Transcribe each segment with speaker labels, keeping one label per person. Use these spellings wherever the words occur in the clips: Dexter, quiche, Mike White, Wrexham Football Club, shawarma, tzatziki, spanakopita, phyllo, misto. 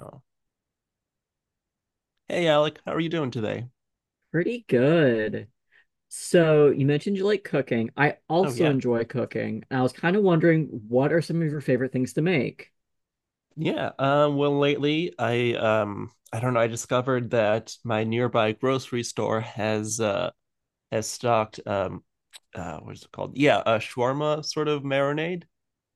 Speaker 1: Oh. Hey Alec, how are you doing today?
Speaker 2: Pretty good. So you mentioned you like cooking. I
Speaker 1: Oh
Speaker 2: also
Speaker 1: yeah.
Speaker 2: enjoy cooking. And I was kind of wondering what are some of your favorite things to make?
Speaker 1: Yeah. Well lately I don't know, I discovered that my nearby grocery store has stocked what is it called? Yeah, a shawarma sort of marinade.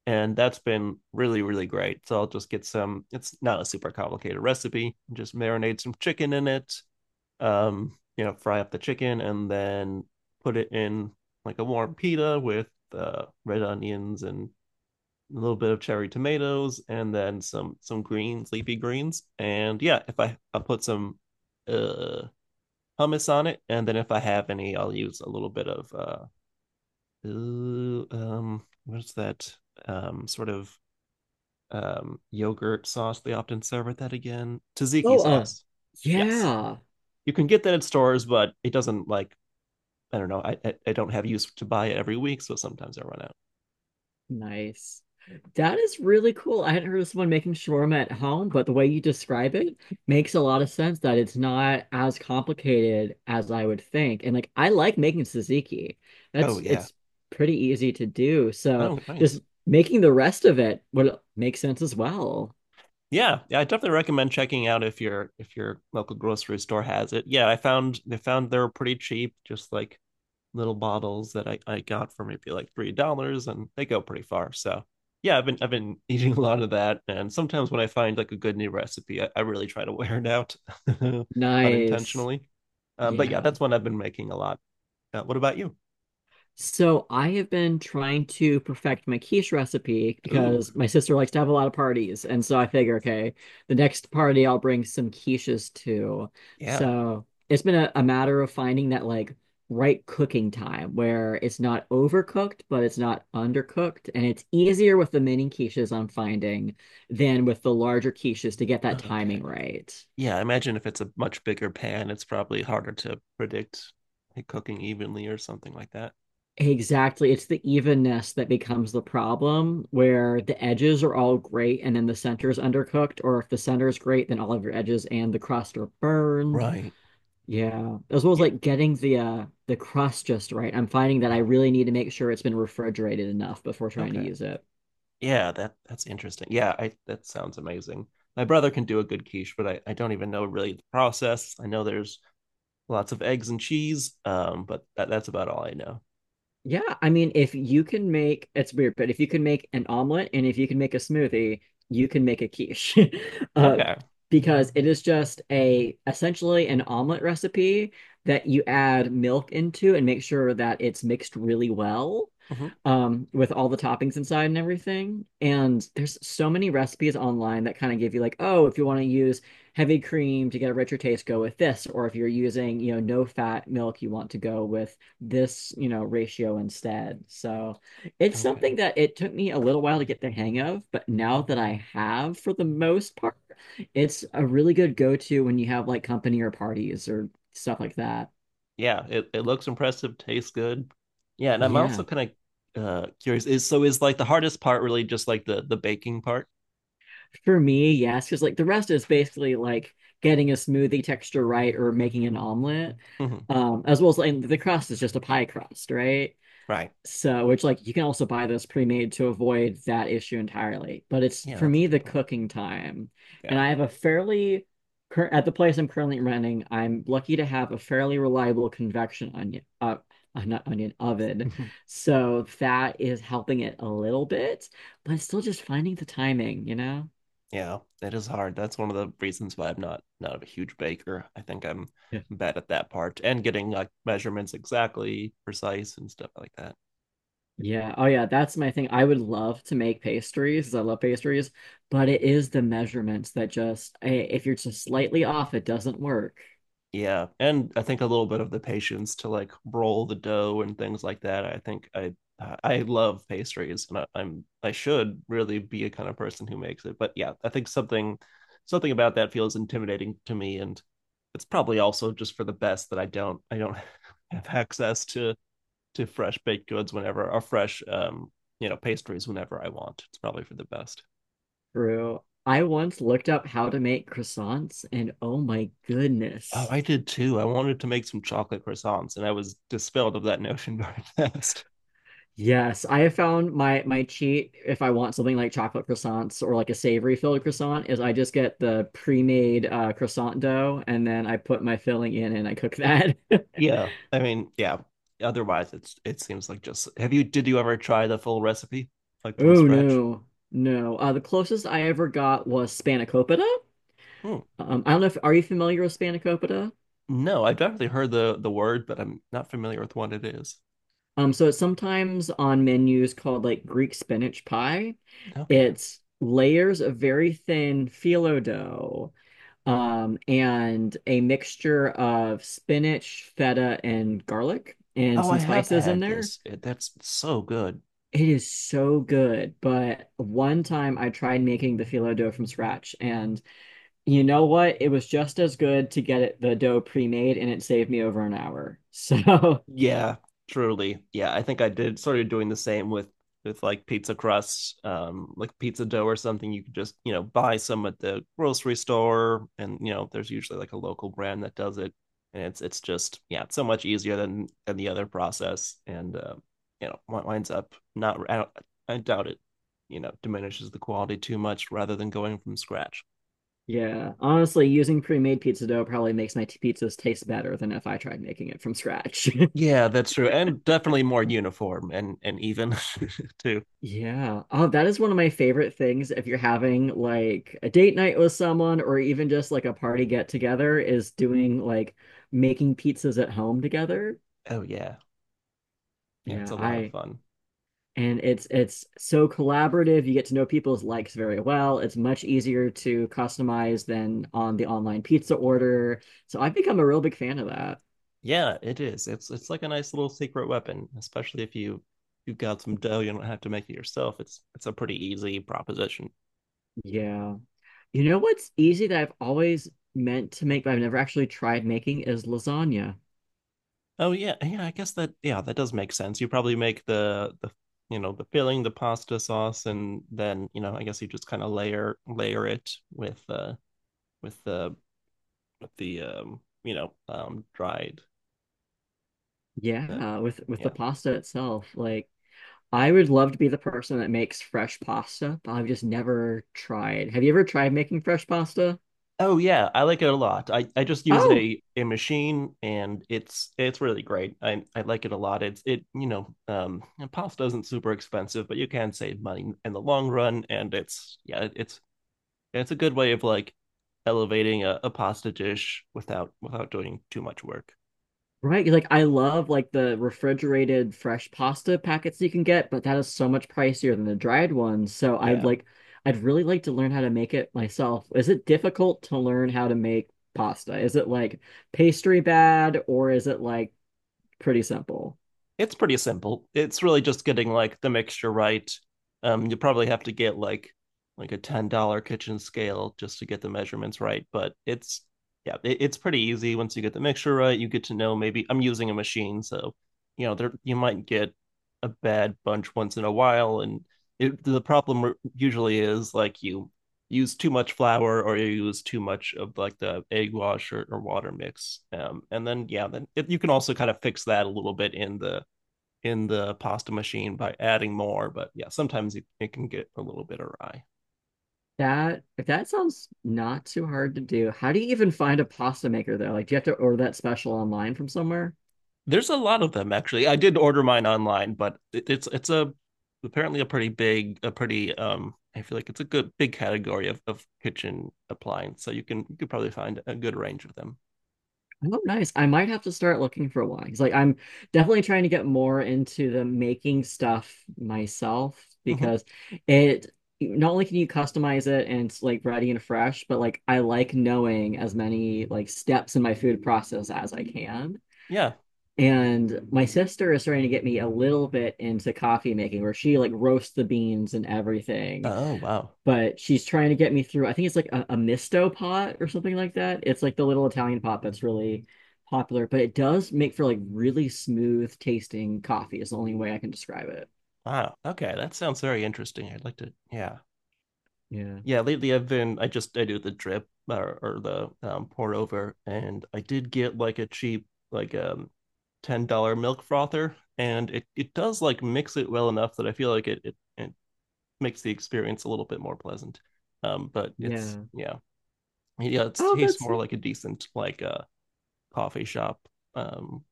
Speaker 1: And that's been really, really great. So I'll just get some, it's not a super complicated recipe. Just marinate some chicken in it. You know, fry up the chicken and then put it in like a warm pita with red onions and a little bit of cherry tomatoes, and then some greens, leafy greens. And yeah, if I'll put some uh hummus on it, and then if I have any, I'll use a little bit of what's that sort of yogurt sauce they often serve with that again tzatziki
Speaker 2: Oh,
Speaker 1: sauce. Yes,
Speaker 2: yeah.
Speaker 1: you can get that at stores, but it doesn't like I don't know. I don't have use to buy it every week, so sometimes I run out.
Speaker 2: Nice. That is really cool. I hadn't heard of someone making shawarma at home, but the way you describe it makes a lot of sense that it's not as complicated as I would think. And like I like making tzatziki.
Speaker 1: Oh
Speaker 2: That's
Speaker 1: yeah.
Speaker 2: it's pretty easy to do. So
Speaker 1: Oh,
Speaker 2: just
Speaker 1: nice.
Speaker 2: making the rest of it would make sense as well.
Speaker 1: Yeah, yeah, I definitely recommend checking out if your local grocery store has it. Yeah, I found they were pretty cheap, just like little bottles that I got for maybe like $3 and they go pretty far. So yeah, I've been eating a lot of that and sometimes when I find like a good new recipe, I really try to wear it out
Speaker 2: Nice.
Speaker 1: unintentionally. But yeah,
Speaker 2: Yeah.
Speaker 1: that's one I've been making a lot. What about you?
Speaker 2: So I have been trying to perfect my quiche recipe
Speaker 1: Ooh,
Speaker 2: because my sister likes to have a lot of parties. And so I figure, okay, the next party I'll bring some quiches to.
Speaker 1: yeah.
Speaker 2: So it's been a matter of finding that like right cooking time where it's not overcooked, but it's not undercooked. And it's easier with the mini quiches I'm finding than with the larger quiches to get that
Speaker 1: Okay.
Speaker 2: timing right.
Speaker 1: Yeah, I imagine if it's a much bigger pan, it's probably harder to predict it cooking evenly or something like that.
Speaker 2: Exactly. It's the evenness that becomes the problem where the edges are all great and then the center is undercooked, or if the center is great, then all of your edges and the crust are burned.
Speaker 1: Right.
Speaker 2: Yeah. As well as
Speaker 1: Yeah.
Speaker 2: like getting the crust just right. I'm finding that I
Speaker 1: Oh,
Speaker 2: really need to make sure it's been refrigerated enough before trying to
Speaker 1: Okay.
Speaker 2: use it.
Speaker 1: Yeah, that's interesting. Yeah, I that sounds amazing. My brother can do a good quiche, but I don't even know really the process. I know there's lots of eggs and cheese, but that's about all I know.
Speaker 2: Yeah, I mean, if you can make it's weird, but if you can make an omelet and if you can make a smoothie, you can make a quiche. Uh,
Speaker 1: Okay.
Speaker 2: because it is just a essentially an omelet recipe that you add milk into and make sure that it's mixed really well,
Speaker 1: Hmm.
Speaker 2: with all the toppings inside and everything. And there's so many recipes online that kind of give you like, oh, if you want to use heavy cream to get a richer taste, go with this. Or if you're using, you know, no fat milk, you want to go with this, you know, ratio instead. So it's
Speaker 1: Okay.
Speaker 2: something that it took me a little while to get the hang of, but now that I have for the most part, it's a really good go-to when you have like company or parties or stuff like that.
Speaker 1: Yeah, it looks impressive, tastes good. Yeah, and I'm also
Speaker 2: Yeah.
Speaker 1: kind of curious is so is like the hardest part really just like the baking part?
Speaker 2: For me, yes, because like the rest is basically like getting a smoothie texture right or making an omelet.
Speaker 1: Hmm.
Speaker 2: As well as like the crust is just a pie crust, right?
Speaker 1: Right.
Speaker 2: So, which like you can also buy those pre-made to avoid that issue entirely. But it's
Speaker 1: Yeah,
Speaker 2: for
Speaker 1: that's a
Speaker 2: me the
Speaker 1: good point.
Speaker 2: cooking time. And
Speaker 1: Yeah.
Speaker 2: I have a fairly cur at the place I'm currently renting, I'm lucky to have a fairly reliable convection onion not onion oven. So that is helping it a little bit, but it's still just finding the timing, you know?
Speaker 1: yeah, it is hard. That's one of the reasons why I'm not a huge baker. I think I'm
Speaker 2: Yeah.
Speaker 1: bad at that part and getting like measurements exactly precise and stuff like that.
Speaker 2: Yeah. Oh yeah, that's my thing. I would love to make pastries 'cause I love pastries, but it is the measurements that if you're just slightly off, it doesn't work.
Speaker 1: Yeah, and I think a little bit of the patience to like roll the dough and things like that. I love pastries, and I should really be a kind of person who makes it. But yeah, I think something about that feels intimidating to me, and it's probably also just for the best that I don't have access to fresh baked goods whenever or fresh you know pastries whenever I want. It's probably for the best.
Speaker 2: True. I once looked up how to make croissants, and oh my
Speaker 1: Oh,
Speaker 2: goodness.
Speaker 1: I did too. I wanted to make some chocolate croissants, and I was dispelled of that notion very fast.
Speaker 2: Yes, I have found my cheat if I want something like chocolate croissants or like a savory filled croissant is I just get the pre-made croissant dough and then I put my filling in and I cook that.
Speaker 1: Yeah, I mean, yeah. Otherwise, it's it seems like just. Have you? Did you ever try the full recipe, like from
Speaker 2: Oh
Speaker 1: scratch?
Speaker 2: no, no. The closest I ever got was spanakopita.
Speaker 1: Hmm.
Speaker 2: I don't know if are you familiar with spanakopita?
Speaker 1: No, I've definitely heard the word, but I'm not familiar with what it is.
Speaker 2: So it's sometimes on menus called like Greek spinach pie.
Speaker 1: Okay.
Speaker 2: It's layers of very thin phyllo dough, and a mixture of spinach, feta, and garlic, and
Speaker 1: Oh, I
Speaker 2: some
Speaker 1: have
Speaker 2: spices in
Speaker 1: had
Speaker 2: there.
Speaker 1: this. It, that's so good.
Speaker 2: It is so good. But one time I tried making the phyllo dough from scratch, and you know what? It was just as good to get it, the dough pre-made, and it saved me over an hour. So
Speaker 1: Yeah, truly. Yeah, I think I did started doing the same with like pizza crust, like pizza dough or something. You could just, you know, buy some at the grocery store and, you know, there's usually like a local brand that does it. And it's just, yeah, it's so much easier than the other process. And you know, winds up not I don't, I doubt it, you know, diminishes the quality too much rather than going from scratch.
Speaker 2: Yeah, honestly, using pre-made pizza dough probably makes my pizzas taste better than if I tried making it from scratch.
Speaker 1: Yeah, that's true. And definitely more uniform and even too.
Speaker 2: Yeah. Oh, that is one of my favorite things if you're having like a date night with someone or even just like a party get together is doing like making pizzas at home together.
Speaker 1: Oh yeah. Yeah, it's
Speaker 2: Yeah,
Speaker 1: a lot of
Speaker 2: I
Speaker 1: fun.
Speaker 2: and it's so collaborative. You get to know people's likes very well. It's much easier to customize than on the online pizza order. So I've become a real big fan of that.
Speaker 1: Yeah, it is. It's like a nice little secret weapon, especially if you you've got some dough, you don't have to make it yourself. It's a pretty easy proposition.
Speaker 2: Yeah. You know what's easy that I've always meant to make, but I've never actually tried making is lasagna.
Speaker 1: Oh yeah, yeah, I guess that yeah, that does make sense. You probably make the you know, the filling, the pasta sauce, and then, you know, I guess you just kind of layer it with the with the you know, dried uh,
Speaker 2: Yeah, with the
Speaker 1: yeah,
Speaker 2: pasta itself. Like I would love to be the person that makes fresh pasta, but I've just never tried. Have you ever tried making fresh pasta?
Speaker 1: Oh yeah, I like it a lot. I just use
Speaker 2: Oh.
Speaker 1: a machine and it's really great. I like it a lot. It's it you know and pasta isn't super expensive, but you can save money in the long run and it's yeah it's a good way of like elevating a pasta dish without without doing too much work.
Speaker 2: Right, Like I love like the refrigerated fresh pasta packets you can get, but that is so much pricier than the dried ones. So I would
Speaker 1: Yeah.
Speaker 2: like I'd really like to learn how to make it myself. Is it difficult to learn how to make pasta? Is it like pastry bad or is it like pretty simple?
Speaker 1: It's pretty simple. It's really just getting like the mixture right. You probably have to get like a $10 kitchen scale just to get the measurements right. But it's yeah, it's pretty easy once you get the mixture right. You get to know maybe I'm using a machine, so you know there you might get a bad bunch once in a while, and it, the problem usually is like you use too much flour or you use too much of like the egg wash or water mix and then yeah then it, you can also kind of fix that a little bit in the pasta machine by adding more, but yeah, sometimes it can get a little bit awry.
Speaker 2: That if that sounds not too hard to do, how do you even find a pasta maker though? Like do you have to order that special online from somewhere?
Speaker 1: There's a lot of them actually. I did order mine online, but it's a apparently a pretty big a pretty I feel like it's a good big category of kitchen appliance. So you can you could probably find a good range of them.
Speaker 2: Oh, nice. I might have to start looking for one. 'Cause, like I'm definitely trying to get more into the making stuff myself
Speaker 1: Hmm.
Speaker 2: because it not only can you customize it and it's like ready and fresh, but like I like knowing as many like steps in my food process as I can.
Speaker 1: Yeah.
Speaker 2: And my sister is starting to get me a little bit into coffee making where she like roasts the beans and everything
Speaker 1: Oh wow.
Speaker 2: but she's trying to get me through. I think it's like a misto pot or something like that. It's like the little Italian pot that's really popular, but it does make for like really smooth tasting coffee is the only way I can describe it.
Speaker 1: Wow. Okay, that sounds very interesting. I'd like to yeah,
Speaker 2: Yeah.
Speaker 1: yeah, lately I've been I just I do the drip or the pour over, and I did get like a cheap like $10 milk frother, and it does like mix it well enough that I feel like it makes the experience a little bit more pleasant. But it's
Speaker 2: Yeah.
Speaker 1: yeah yeah it
Speaker 2: Oh,
Speaker 1: tastes
Speaker 2: that's
Speaker 1: more like a decent like a coffee shop um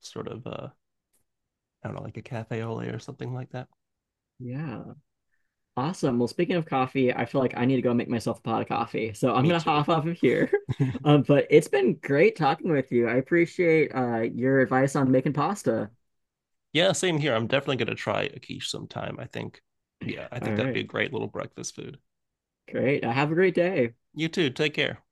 Speaker 1: sort of I don't know like a cafe au lait or something like that.
Speaker 2: yeah. Awesome. Well, speaking of coffee, I feel like I need to go make myself a pot of coffee. So I'm
Speaker 1: Me
Speaker 2: gonna
Speaker 1: too.
Speaker 2: hop off of here. But it's been great talking with you. I appreciate your advice on making pasta.
Speaker 1: Yeah, same here. I'm definitely gonna try a quiche sometime. I think, yeah, I think
Speaker 2: All
Speaker 1: that'd be a
Speaker 2: right.
Speaker 1: great little breakfast food.
Speaker 2: Great. Have a great day.
Speaker 1: You too. Take care.